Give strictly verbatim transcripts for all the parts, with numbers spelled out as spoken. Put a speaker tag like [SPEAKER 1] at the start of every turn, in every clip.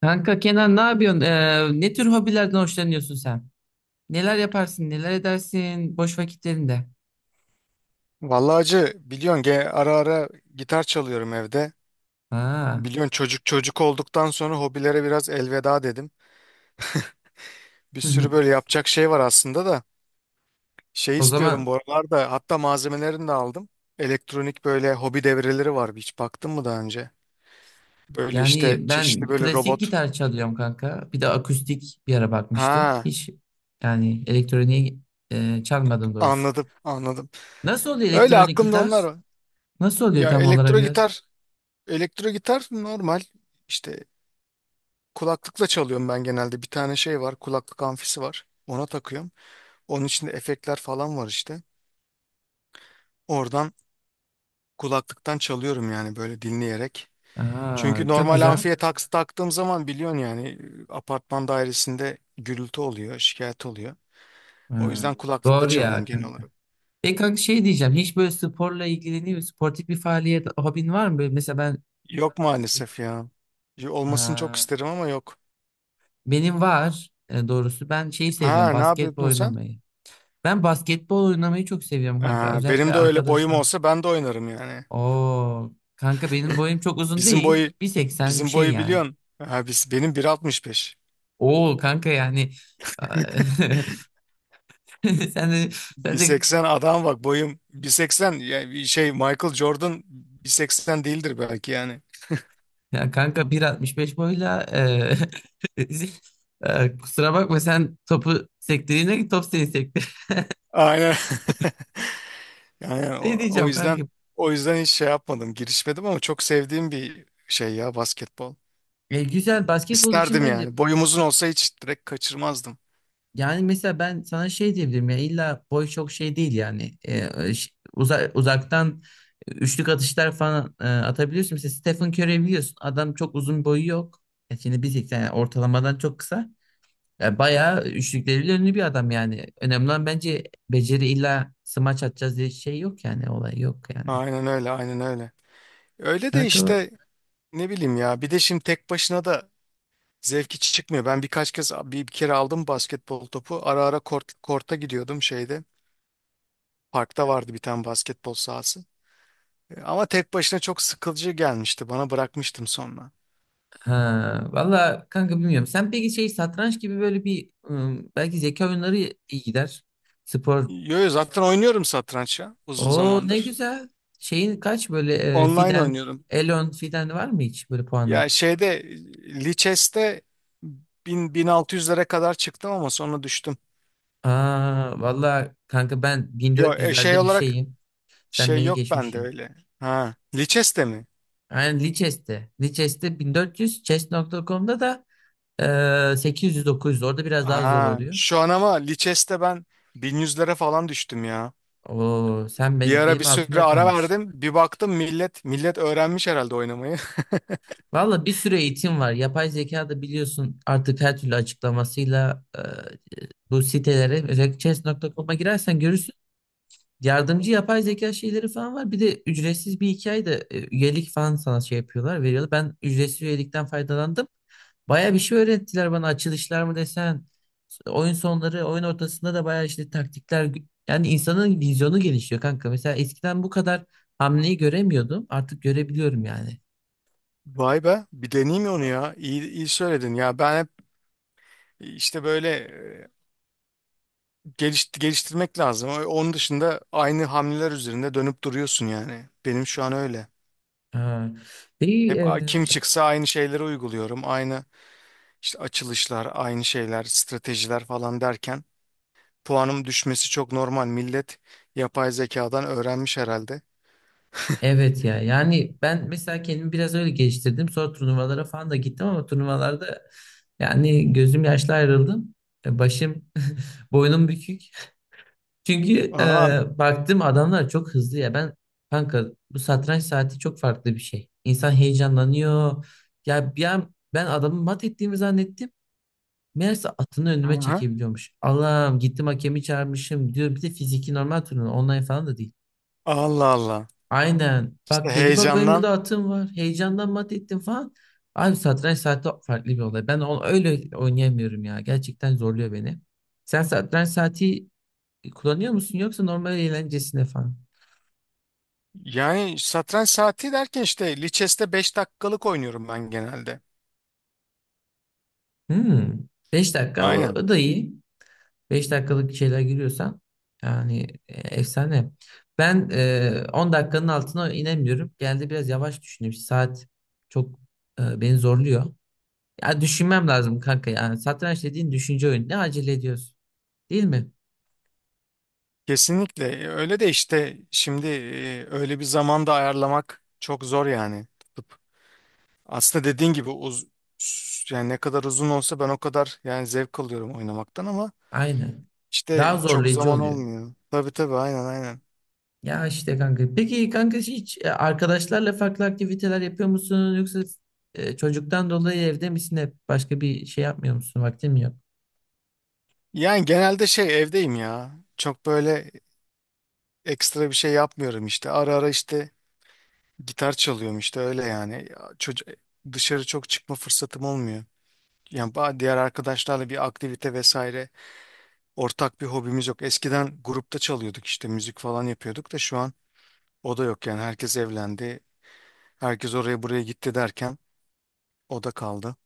[SPEAKER 1] Kanka Kenan, ne yapıyorsun? Ee, ne tür hobilerden hoşlanıyorsun sen? Neler yaparsın, neler edersin boş vakitlerinde?
[SPEAKER 2] Vallahi acı biliyorsun ge- ara ara gitar çalıyorum evde.
[SPEAKER 1] Ha.
[SPEAKER 2] Biliyorsun çocuk çocuk olduktan sonra hobilere biraz elveda dedim. Bir sürü böyle yapacak şey var aslında da. Şey
[SPEAKER 1] O
[SPEAKER 2] istiyorum
[SPEAKER 1] zaman
[SPEAKER 2] bu aralarda, hatta malzemelerini de aldım. Elektronik böyle hobi devreleri var. Hiç baktın mı daha önce? Böyle işte
[SPEAKER 1] yani
[SPEAKER 2] çeşitli
[SPEAKER 1] ben
[SPEAKER 2] böyle
[SPEAKER 1] klasik
[SPEAKER 2] robot.
[SPEAKER 1] gitar çalıyorum kanka. Bir de akustik bir ara bakmıştım.
[SPEAKER 2] Ha,
[SPEAKER 1] Hiç yani elektroniği e, çalmadım doğrusu.
[SPEAKER 2] anladım anladım.
[SPEAKER 1] Nasıl oluyor
[SPEAKER 2] Öyle
[SPEAKER 1] elektronik
[SPEAKER 2] aklımda onlar
[SPEAKER 1] gitar?
[SPEAKER 2] var.
[SPEAKER 1] Nasıl oluyor
[SPEAKER 2] Ya
[SPEAKER 1] tam olarak
[SPEAKER 2] elektro
[SPEAKER 1] biraz?
[SPEAKER 2] gitar, elektro gitar normal işte kulaklıkla çalıyorum ben genelde. Bir tane şey var, kulaklık amfisi var. Ona takıyorum. Onun içinde efektler falan var işte. Oradan kulaklıktan çalıyorum yani, böyle dinleyerek.
[SPEAKER 1] Aa,
[SPEAKER 2] Çünkü
[SPEAKER 1] çok
[SPEAKER 2] normal
[SPEAKER 1] güzel.
[SPEAKER 2] amfiye taks taktığım zaman biliyorsun yani, e, apartman dairesinde gürültü oluyor, şikayet oluyor. O
[SPEAKER 1] Ha,
[SPEAKER 2] yüzden kulaklıkla
[SPEAKER 1] doğru
[SPEAKER 2] çalıyorum
[SPEAKER 1] ya
[SPEAKER 2] genel
[SPEAKER 1] kanka.
[SPEAKER 2] olarak.
[SPEAKER 1] E kanka, şey diyeceğim. Hiç böyle sporla ilgileniyor musun? Sportif bir faaliyet, hobin var mı? Böyle mesela ben.
[SPEAKER 2] Yok maalesef ya. Ya olmasını çok
[SPEAKER 1] Ee,
[SPEAKER 2] isterim ama yok.
[SPEAKER 1] Benim var e, doğrusu. Ben şeyi seviyorum,
[SPEAKER 2] Ha, ne
[SPEAKER 1] basketbol
[SPEAKER 2] yapıyordun sen?
[SPEAKER 1] oynamayı. Ben basketbol oynamayı çok seviyorum kanka.
[SPEAKER 2] Ha, benim
[SPEAKER 1] Özellikle
[SPEAKER 2] de öyle boyum
[SPEAKER 1] arkadaşlar.
[SPEAKER 2] olsa ben de oynarım yani.
[SPEAKER 1] Oo kanka, benim boyum çok uzun
[SPEAKER 2] Bizim
[SPEAKER 1] değil.
[SPEAKER 2] boyu
[SPEAKER 1] bir seksen bir
[SPEAKER 2] bizim
[SPEAKER 1] şey
[SPEAKER 2] boyu
[SPEAKER 1] yani.
[SPEAKER 2] biliyorsun. Ha, biz, benim bir altmış beş.
[SPEAKER 1] Oo kanka yani sen de sen de
[SPEAKER 2] bir seksen adam, bak boyum bir seksen ya bir şey, Michael Jordan bir seksen değildir belki yani.
[SPEAKER 1] ya kanka, bir altmış beş boyla e, e, kusura bakma, sen topu sektirdiğine ki top seni sektir.
[SPEAKER 2] Aynen. Yani
[SPEAKER 1] Ne
[SPEAKER 2] o, o
[SPEAKER 1] diyeceğim kanka?
[SPEAKER 2] yüzden o yüzden hiç şey yapmadım, girişmedim, ama çok sevdiğim bir şey ya basketbol.
[SPEAKER 1] E, güzel basketbol için
[SPEAKER 2] İsterdim
[SPEAKER 1] bence.
[SPEAKER 2] yani. Boyum uzun olsa hiç direkt kaçırmazdım.
[SPEAKER 1] Yani mesela ben sana şey diyebilirim, ya illa boy çok şey değil yani. Ee, ş- uza- uzaktan üçlük atışlar falan e, atabiliyorsun. Mesela Stephen Curry'i biliyorsun, adam çok uzun boyu yok. E şimdi bir seksen yani, ortalamadan çok kısa. E, bayağı üçlükleriyle ünlü bir adam yani. Önemli olan bence beceri, illa smaç atacağız diye şey yok yani, olay yok yani.
[SPEAKER 2] Aynen öyle, aynen öyle. Öyle de
[SPEAKER 1] Kanka
[SPEAKER 2] işte, ne bileyim ya. Bir de şimdi tek başına da zevki çıkmıyor. Ben birkaç kez, bir, bir kere aldım basketbol topu. Ara ara kort, korta gidiyordum şeyde. Parkta vardı bir tane basketbol sahası. Ama tek başına çok sıkılıcı gelmişti bana, bırakmıştım sonra.
[SPEAKER 1] ha, valla kanka bilmiyorum. Sen peki şey, satranç gibi böyle bir, ım, belki zeka oyunları iyi gider. Spor.
[SPEAKER 2] Yo, yo, zaten oynuyorum satranç ya uzun
[SPEAKER 1] Oo ne
[SPEAKER 2] zamandır.
[SPEAKER 1] güzel. Şeyin kaç böyle, e,
[SPEAKER 2] Online
[SPEAKER 1] Fiden,
[SPEAKER 2] oynuyorum.
[SPEAKER 1] Elon Fiden var mı hiç böyle puanı?
[SPEAKER 2] Ya şeyde, Lichess'te bin bin altı yüzlere kadar çıktım ama sonra düştüm.
[SPEAKER 1] Aa vallahi kanka, ben
[SPEAKER 2] Yo e, şey
[SPEAKER 1] bin dört yüzlerde bir
[SPEAKER 2] olarak
[SPEAKER 1] şeyim. Sen
[SPEAKER 2] şey
[SPEAKER 1] beni
[SPEAKER 2] yok bende
[SPEAKER 1] geçmişsin.
[SPEAKER 2] öyle. Ha, Lichess'te mi?
[SPEAKER 1] Aynen Lichess'te. Lichess'te bin dört yüz, chess nokta com'da da e, sekiz yüz dokuz yüz. Orada biraz daha zor
[SPEAKER 2] Ha,
[SPEAKER 1] oluyor.
[SPEAKER 2] şu an ama Lichess'te ben bin yüzlere falan düştüm ya.
[SPEAKER 1] Oo sen
[SPEAKER 2] Bir
[SPEAKER 1] ben,
[SPEAKER 2] ara bir
[SPEAKER 1] benim
[SPEAKER 2] süre
[SPEAKER 1] altımda
[SPEAKER 2] ara
[SPEAKER 1] kalmışsın.
[SPEAKER 2] verdim. Bir baktım millet millet öğrenmiş herhalde oynamayı.
[SPEAKER 1] Valla bir sürü eğitim var. Yapay zeka da biliyorsun artık, her türlü açıklamasıyla e, bu sitelere, özellikle chess nokta com'a girersen görürsün. Yardımcı yapay zeka şeyleri falan var. Bir de ücretsiz bir hikaye de e, üyelik falan sana şey yapıyorlar, veriyorlar. Ben ücretsiz üyelikten faydalandım. Baya bir şey öğrettiler bana. Açılışlar mı desen, oyun sonları, oyun ortasında da baya işte taktikler. Yani insanın vizyonu gelişiyor kanka. Mesela eskiden bu kadar hamleyi göremiyordum. Artık görebiliyorum yani.
[SPEAKER 2] Vay be, bir deneyeyim onu ya. İyi, iyi söyledin ya. Ben hep işte böyle, e, geliş, geliştirmek lazım. O- Onun dışında aynı hamleler üzerinde dönüp duruyorsun yani. Benim şu an öyle.
[SPEAKER 1] Ha. Peki,
[SPEAKER 2] Hep
[SPEAKER 1] e,
[SPEAKER 2] a- kim çıksa aynı şeyleri uyguluyorum. Aynı işte açılışlar, aynı şeyler, stratejiler falan derken puanım düşmesi çok normal. Millet yapay zekadan öğrenmiş herhalde.
[SPEAKER 1] evet ya. Yani ben mesela kendimi biraz öyle geliştirdim. Sonra turnuvalara falan da gittim, ama turnuvalarda yani gözüm yaşlı ayrıldım. E, başım, boynum bükük. Çünkü
[SPEAKER 2] Aa.
[SPEAKER 1] e, baktım adamlar çok hızlı ya. Ben kanka, bu satranç saati çok farklı bir şey. İnsan heyecanlanıyor. Ya bir an ben adamı mat ettiğimi zannettim. Meğerse atını önüme
[SPEAKER 2] Aha.
[SPEAKER 1] çekebiliyormuş. Allah'ım, gittim hakemi çağırmışım diyor. Bir de fiziki normal turnuva, online falan da değil.
[SPEAKER 2] Allah Allah.
[SPEAKER 1] Aynen.
[SPEAKER 2] İşte
[SPEAKER 1] Bak dedi, bak benim
[SPEAKER 2] heyecandan.
[SPEAKER 1] burada atım var. Heyecandan mat ettim falan. Abi satranç saati farklı bir olay. Ben onu öyle oynayamıyorum ya. Gerçekten zorluyor beni. Sen satranç saati kullanıyor musun, yoksa normal eğlencesine falan?
[SPEAKER 2] Yani satranç saati derken işte Lichess'te beş dakikalık oynuyorum ben genelde.
[SPEAKER 1] Hmm. Beş dakika, o
[SPEAKER 2] Aynen.
[SPEAKER 1] o da iyi. Beş dakikalık şeyler giriyorsan yani e, efsane. Ben e, on dakikanın altına inemiyorum. Geldi biraz yavaş düşünüyorum. Saat çok e, beni zorluyor. Ya düşünmem lazım kanka ya. Satranç dediğin düşünce oyunu. Ne acele ediyorsun? Değil mi?
[SPEAKER 2] Kesinlikle. E, öyle de işte şimdi e, öyle bir zamanda ayarlamak çok zor yani, tutup. Aslında dediğin gibi uz yani ne kadar uzun olsa ben o kadar yani zevk alıyorum oynamaktan, ama
[SPEAKER 1] Aynen. Daha
[SPEAKER 2] işte çok
[SPEAKER 1] zorlayıcı
[SPEAKER 2] zaman
[SPEAKER 1] oluyor.
[SPEAKER 2] olmuyor. Tabii tabii, aynen aynen.
[SPEAKER 1] Ya işte kanka. Peki kanka, hiç e, arkadaşlarla farklı aktiviteler yapıyor musun? Yoksa e, çocuktan dolayı evde misin hep? Başka bir şey yapmıyor musun? Vaktin mi yok?
[SPEAKER 2] Yani genelde şey evdeyim ya. Çok böyle ekstra bir şey yapmıyorum işte. Ara ara işte gitar çalıyorum işte, öyle yani. Çocuk, dışarı çok çıkma fırsatım olmuyor. Yani ba- diğer arkadaşlarla bir aktivite vesaire, ortak bir hobimiz yok. Eskiden grupta çalıyorduk işte, müzik falan yapıyorduk da şu an o da yok yani. Herkes evlendi. Herkes oraya buraya gitti derken o da kaldı.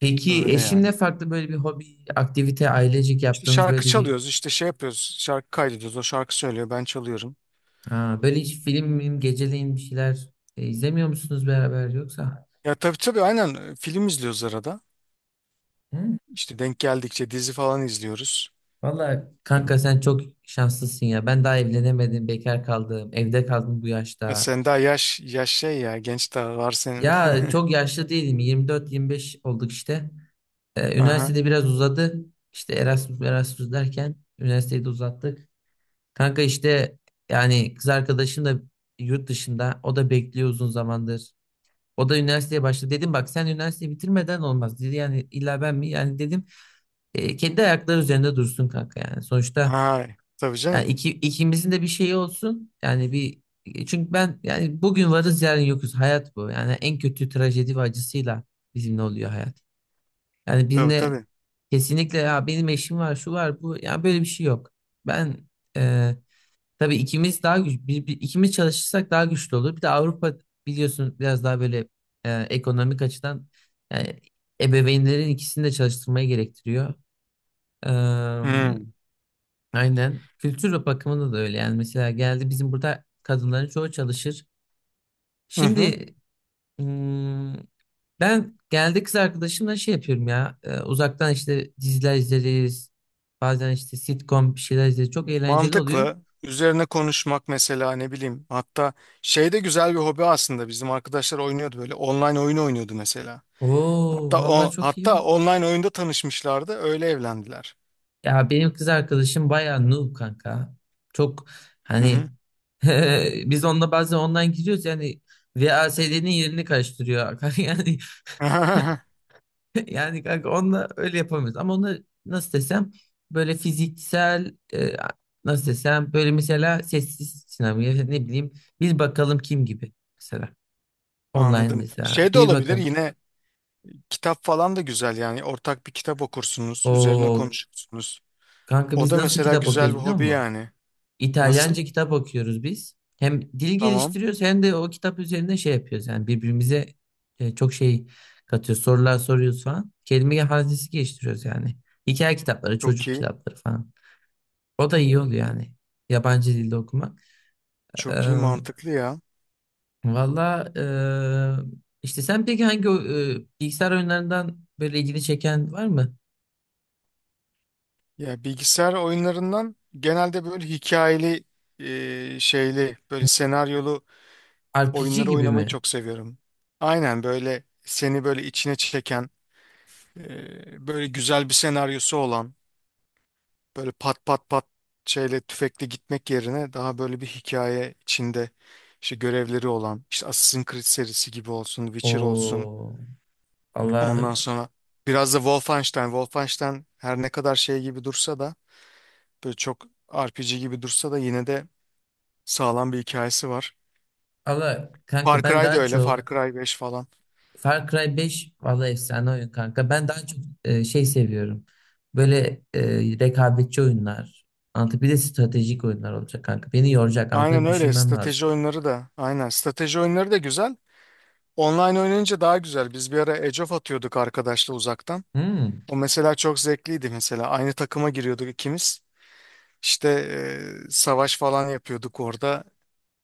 [SPEAKER 1] Peki
[SPEAKER 2] Öyle
[SPEAKER 1] eşinle
[SPEAKER 2] yani.
[SPEAKER 1] farklı böyle bir hobi, aktivite, ailecik
[SPEAKER 2] İşte
[SPEAKER 1] yaptığınız
[SPEAKER 2] şarkı
[SPEAKER 1] böyle bir,
[SPEAKER 2] çalıyoruz, işte şey yapıyoruz. Şarkı kaydediyoruz. O şarkı söylüyor, ben çalıyorum.
[SPEAKER 1] ha, böyle hiç film, film geceleyin bir şeyler e, izlemiyor musunuz beraber yoksa?
[SPEAKER 2] Ya tabii tabii, aynen, e, film izliyoruz arada.
[SPEAKER 1] Hı.
[SPEAKER 2] İşte denk geldikçe dizi falan izliyoruz.
[SPEAKER 1] Vallahi kanka, sen çok şanslısın ya. Ben daha evlenemedim, bekar kaldım, evde kaldım bu
[SPEAKER 2] E
[SPEAKER 1] yaşta.
[SPEAKER 2] sen daha yaş yaş şey ya, genç, daha var senin.
[SPEAKER 1] Ya çok yaşlı değilim. yirmi dört yirmi beş olduk işte. Ee,
[SPEAKER 2] Aha.
[SPEAKER 1] üniversitede biraz uzadı. İşte Erasmus Erasmus derken üniversiteyi de uzattık. Kanka işte yani, kız arkadaşım da yurt dışında. O da bekliyor uzun zamandır. O da üniversiteye başladı. Dedim bak, sen üniversiteyi bitirmeden olmaz dedi. Yani illa ben mi? Yani dedim e, kendi ayakları üzerinde dursun kanka yani. Sonuçta
[SPEAKER 2] Ay, tabii canım.
[SPEAKER 1] yani iki, ikimizin de bir şeyi olsun. Yani bir, çünkü ben yani, bugün varız yarın yokuz. Hayat bu. Yani en kötü trajedi ve acısıyla bizimle oluyor hayat. Yani
[SPEAKER 2] Tabii
[SPEAKER 1] birine
[SPEAKER 2] tabii.
[SPEAKER 1] kesinlikle ya benim eşim var, şu var, bu. Ya böyle bir şey yok. Ben e, tabii ikimiz daha güç, bir, bir- ikimiz çalışırsak daha güçlü olur. Bir de Avrupa biliyorsun, biraz daha böyle e, ekonomik açıdan yani, ebeveynlerin ikisini de çalıştırmayı gerektiriyor.
[SPEAKER 2] Hmm.
[SPEAKER 1] Aynen. Kültür bakımında da öyle. Yani mesela geldi, bizim burada kadınların çoğu çalışır.
[SPEAKER 2] Hı hı.
[SPEAKER 1] Şimdi hmm, ben geldi kız arkadaşımla şey yapıyorum ya. E, uzaktan işte diziler izleriz. Bazen işte sitcom bir şeyler izleriz. Çok eğlenceli oluyor.
[SPEAKER 2] Mantıklı. Üzerine konuşmak mesela, ne bileyim. Hatta şey de güzel bir hobi aslında. Bizim arkadaşlar oynuyordu böyle. Online oyun oynuyordu mesela.
[SPEAKER 1] Oo
[SPEAKER 2] Hatta
[SPEAKER 1] vallahi
[SPEAKER 2] o
[SPEAKER 1] çok
[SPEAKER 2] hatta
[SPEAKER 1] iyi.
[SPEAKER 2] online oyunda tanışmışlardı. Öyle evlendiler.
[SPEAKER 1] Ya benim kız arkadaşım bayağı noob kanka. Çok
[SPEAKER 2] Hı hı.
[SPEAKER 1] hani biz onunla bazen online giriyoruz yani, V A S D'nin yerini karıştırıyor. Yani yani kanka onunla öyle yapamıyoruz. Ama onu nasıl desem, böyle fiziksel e, nasıl desem, böyle mesela sessiz sinema ya ne bileyim, bir bakalım kim gibi mesela. Online
[SPEAKER 2] Anladım.
[SPEAKER 1] mesela
[SPEAKER 2] Şey de
[SPEAKER 1] bir
[SPEAKER 2] olabilir
[SPEAKER 1] bakalım kim.
[SPEAKER 2] yine, kitap falan da güzel yani. Ortak bir kitap okursunuz. Üzerine
[SPEAKER 1] O
[SPEAKER 2] konuşursunuz.
[SPEAKER 1] kanka,
[SPEAKER 2] O
[SPEAKER 1] biz
[SPEAKER 2] da
[SPEAKER 1] nasıl
[SPEAKER 2] mesela
[SPEAKER 1] kitap
[SPEAKER 2] güzel
[SPEAKER 1] okuyoruz
[SPEAKER 2] bir
[SPEAKER 1] biliyor
[SPEAKER 2] hobi
[SPEAKER 1] musun?
[SPEAKER 2] yani. Nasıl?
[SPEAKER 1] İtalyanca kitap okuyoruz biz. Hem dil
[SPEAKER 2] Tamam.
[SPEAKER 1] geliştiriyoruz, hem de o kitap üzerinde şey yapıyoruz. Yani birbirimize e, çok şey katıyoruz. Sorular soruyoruz falan. Kelime hazinesi geliştiriyoruz yani. Hikaye kitapları,
[SPEAKER 2] Çok
[SPEAKER 1] çocuk
[SPEAKER 2] iyi.
[SPEAKER 1] kitapları falan. O da iyi oluyor yani. Yabancı dilde okumak.
[SPEAKER 2] Çok iyi.
[SPEAKER 1] Eee
[SPEAKER 2] Mantıklı ya.
[SPEAKER 1] Valla eee, işte sen peki hangi o- eee, bilgisayar oyunlarından böyle ilgini çeken var mı?
[SPEAKER 2] Ya bilgisayar oyunlarından genelde böyle hikayeli, e, şeyli, böyle senaryolu
[SPEAKER 1] R P G
[SPEAKER 2] oyunları
[SPEAKER 1] gibi
[SPEAKER 2] oynamayı
[SPEAKER 1] mi?
[SPEAKER 2] çok seviyorum. Aynen, böyle seni böyle içine çeken, e, böyle güzel bir senaryosu olan, böyle pat pat pat şeyle tüfekle gitmek yerine daha böyle bir hikaye içinde, işte görevleri olan, işte Assassin's Creed serisi gibi olsun, Witcher olsun.
[SPEAKER 1] O
[SPEAKER 2] Ondan
[SPEAKER 1] Allah
[SPEAKER 2] sonra biraz da Wolfenstein. Wolfenstein her ne kadar şey gibi dursa da, böyle çok R P G gibi dursa da, yine de sağlam bir hikayesi var.
[SPEAKER 1] Allah, kanka
[SPEAKER 2] Far
[SPEAKER 1] ben
[SPEAKER 2] Cry da
[SPEAKER 1] daha
[SPEAKER 2] öyle. Far
[SPEAKER 1] çok
[SPEAKER 2] Cry beş falan.
[SPEAKER 1] Far Cry beş valla efsane oyun kanka. Ben daha çok eee, şey seviyorum. Böyle eee, rekabetçi oyunlar. Anlatı, bir de stratejik oyunlar olacak kanka. Beni yoracak.
[SPEAKER 2] Aynen
[SPEAKER 1] Anlatı
[SPEAKER 2] öyle.
[SPEAKER 1] düşünmem lazım.
[SPEAKER 2] Strateji oyunları da. Aynen. Strateji oyunları da güzel. Online oynayınca daha güzel. Biz bir ara Age of atıyorduk arkadaşla uzaktan.
[SPEAKER 1] Hmm.
[SPEAKER 2] O mesela çok zevkliydi mesela. Aynı takıma giriyorduk ikimiz. İşte e, savaş falan yapıyorduk orada.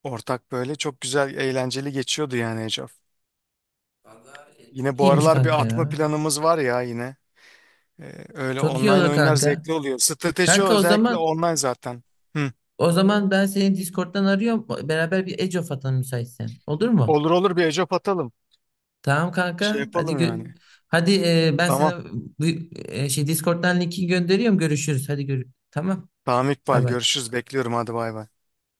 [SPEAKER 2] Ortak böyle çok güzel, eğlenceli geçiyordu yani Age of.
[SPEAKER 1] Vallahi e,
[SPEAKER 2] Yine
[SPEAKER 1] çok
[SPEAKER 2] bu
[SPEAKER 1] iyiymiş
[SPEAKER 2] aralar bir
[SPEAKER 1] kanka
[SPEAKER 2] atma
[SPEAKER 1] ya.
[SPEAKER 2] planımız var ya yine. Ee, öyle
[SPEAKER 1] Çok iyi
[SPEAKER 2] online
[SPEAKER 1] olur
[SPEAKER 2] oyunlar
[SPEAKER 1] kanka.
[SPEAKER 2] zevkli oluyor. Strateji
[SPEAKER 1] Kanka o
[SPEAKER 2] özellikle
[SPEAKER 1] zaman,
[SPEAKER 2] online zaten. Hı.
[SPEAKER 1] o zaman ben seni Discord'dan arıyorum. Beraber bir Age of atalım, müsaitsen. Olur mu?
[SPEAKER 2] Olur olur, bir ecop atalım.
[SPEAKER 1] Tamam
[SPEAKER 2] Şey
[SPEAKER 1] kanka. Hadi
[SPEAKER 2] yapalım
[SPEAKER 1] gö-
[SPEAKER 2] yani.
[SPEAKER 1] hadi e, ben
[SPEAKER 2] Tamam.
[SPEAKER 1] sana bu- e, şey Discord'dan linki gönderiyorum. Görüşürüz. Hadi gör. Tamam.
[SPEAKER 2] Tamam İkbal,
[SPEAKER 1] Bay bay.
[SPEAKER 2] görüşürüz. Bekliyorum, hadi bay bay.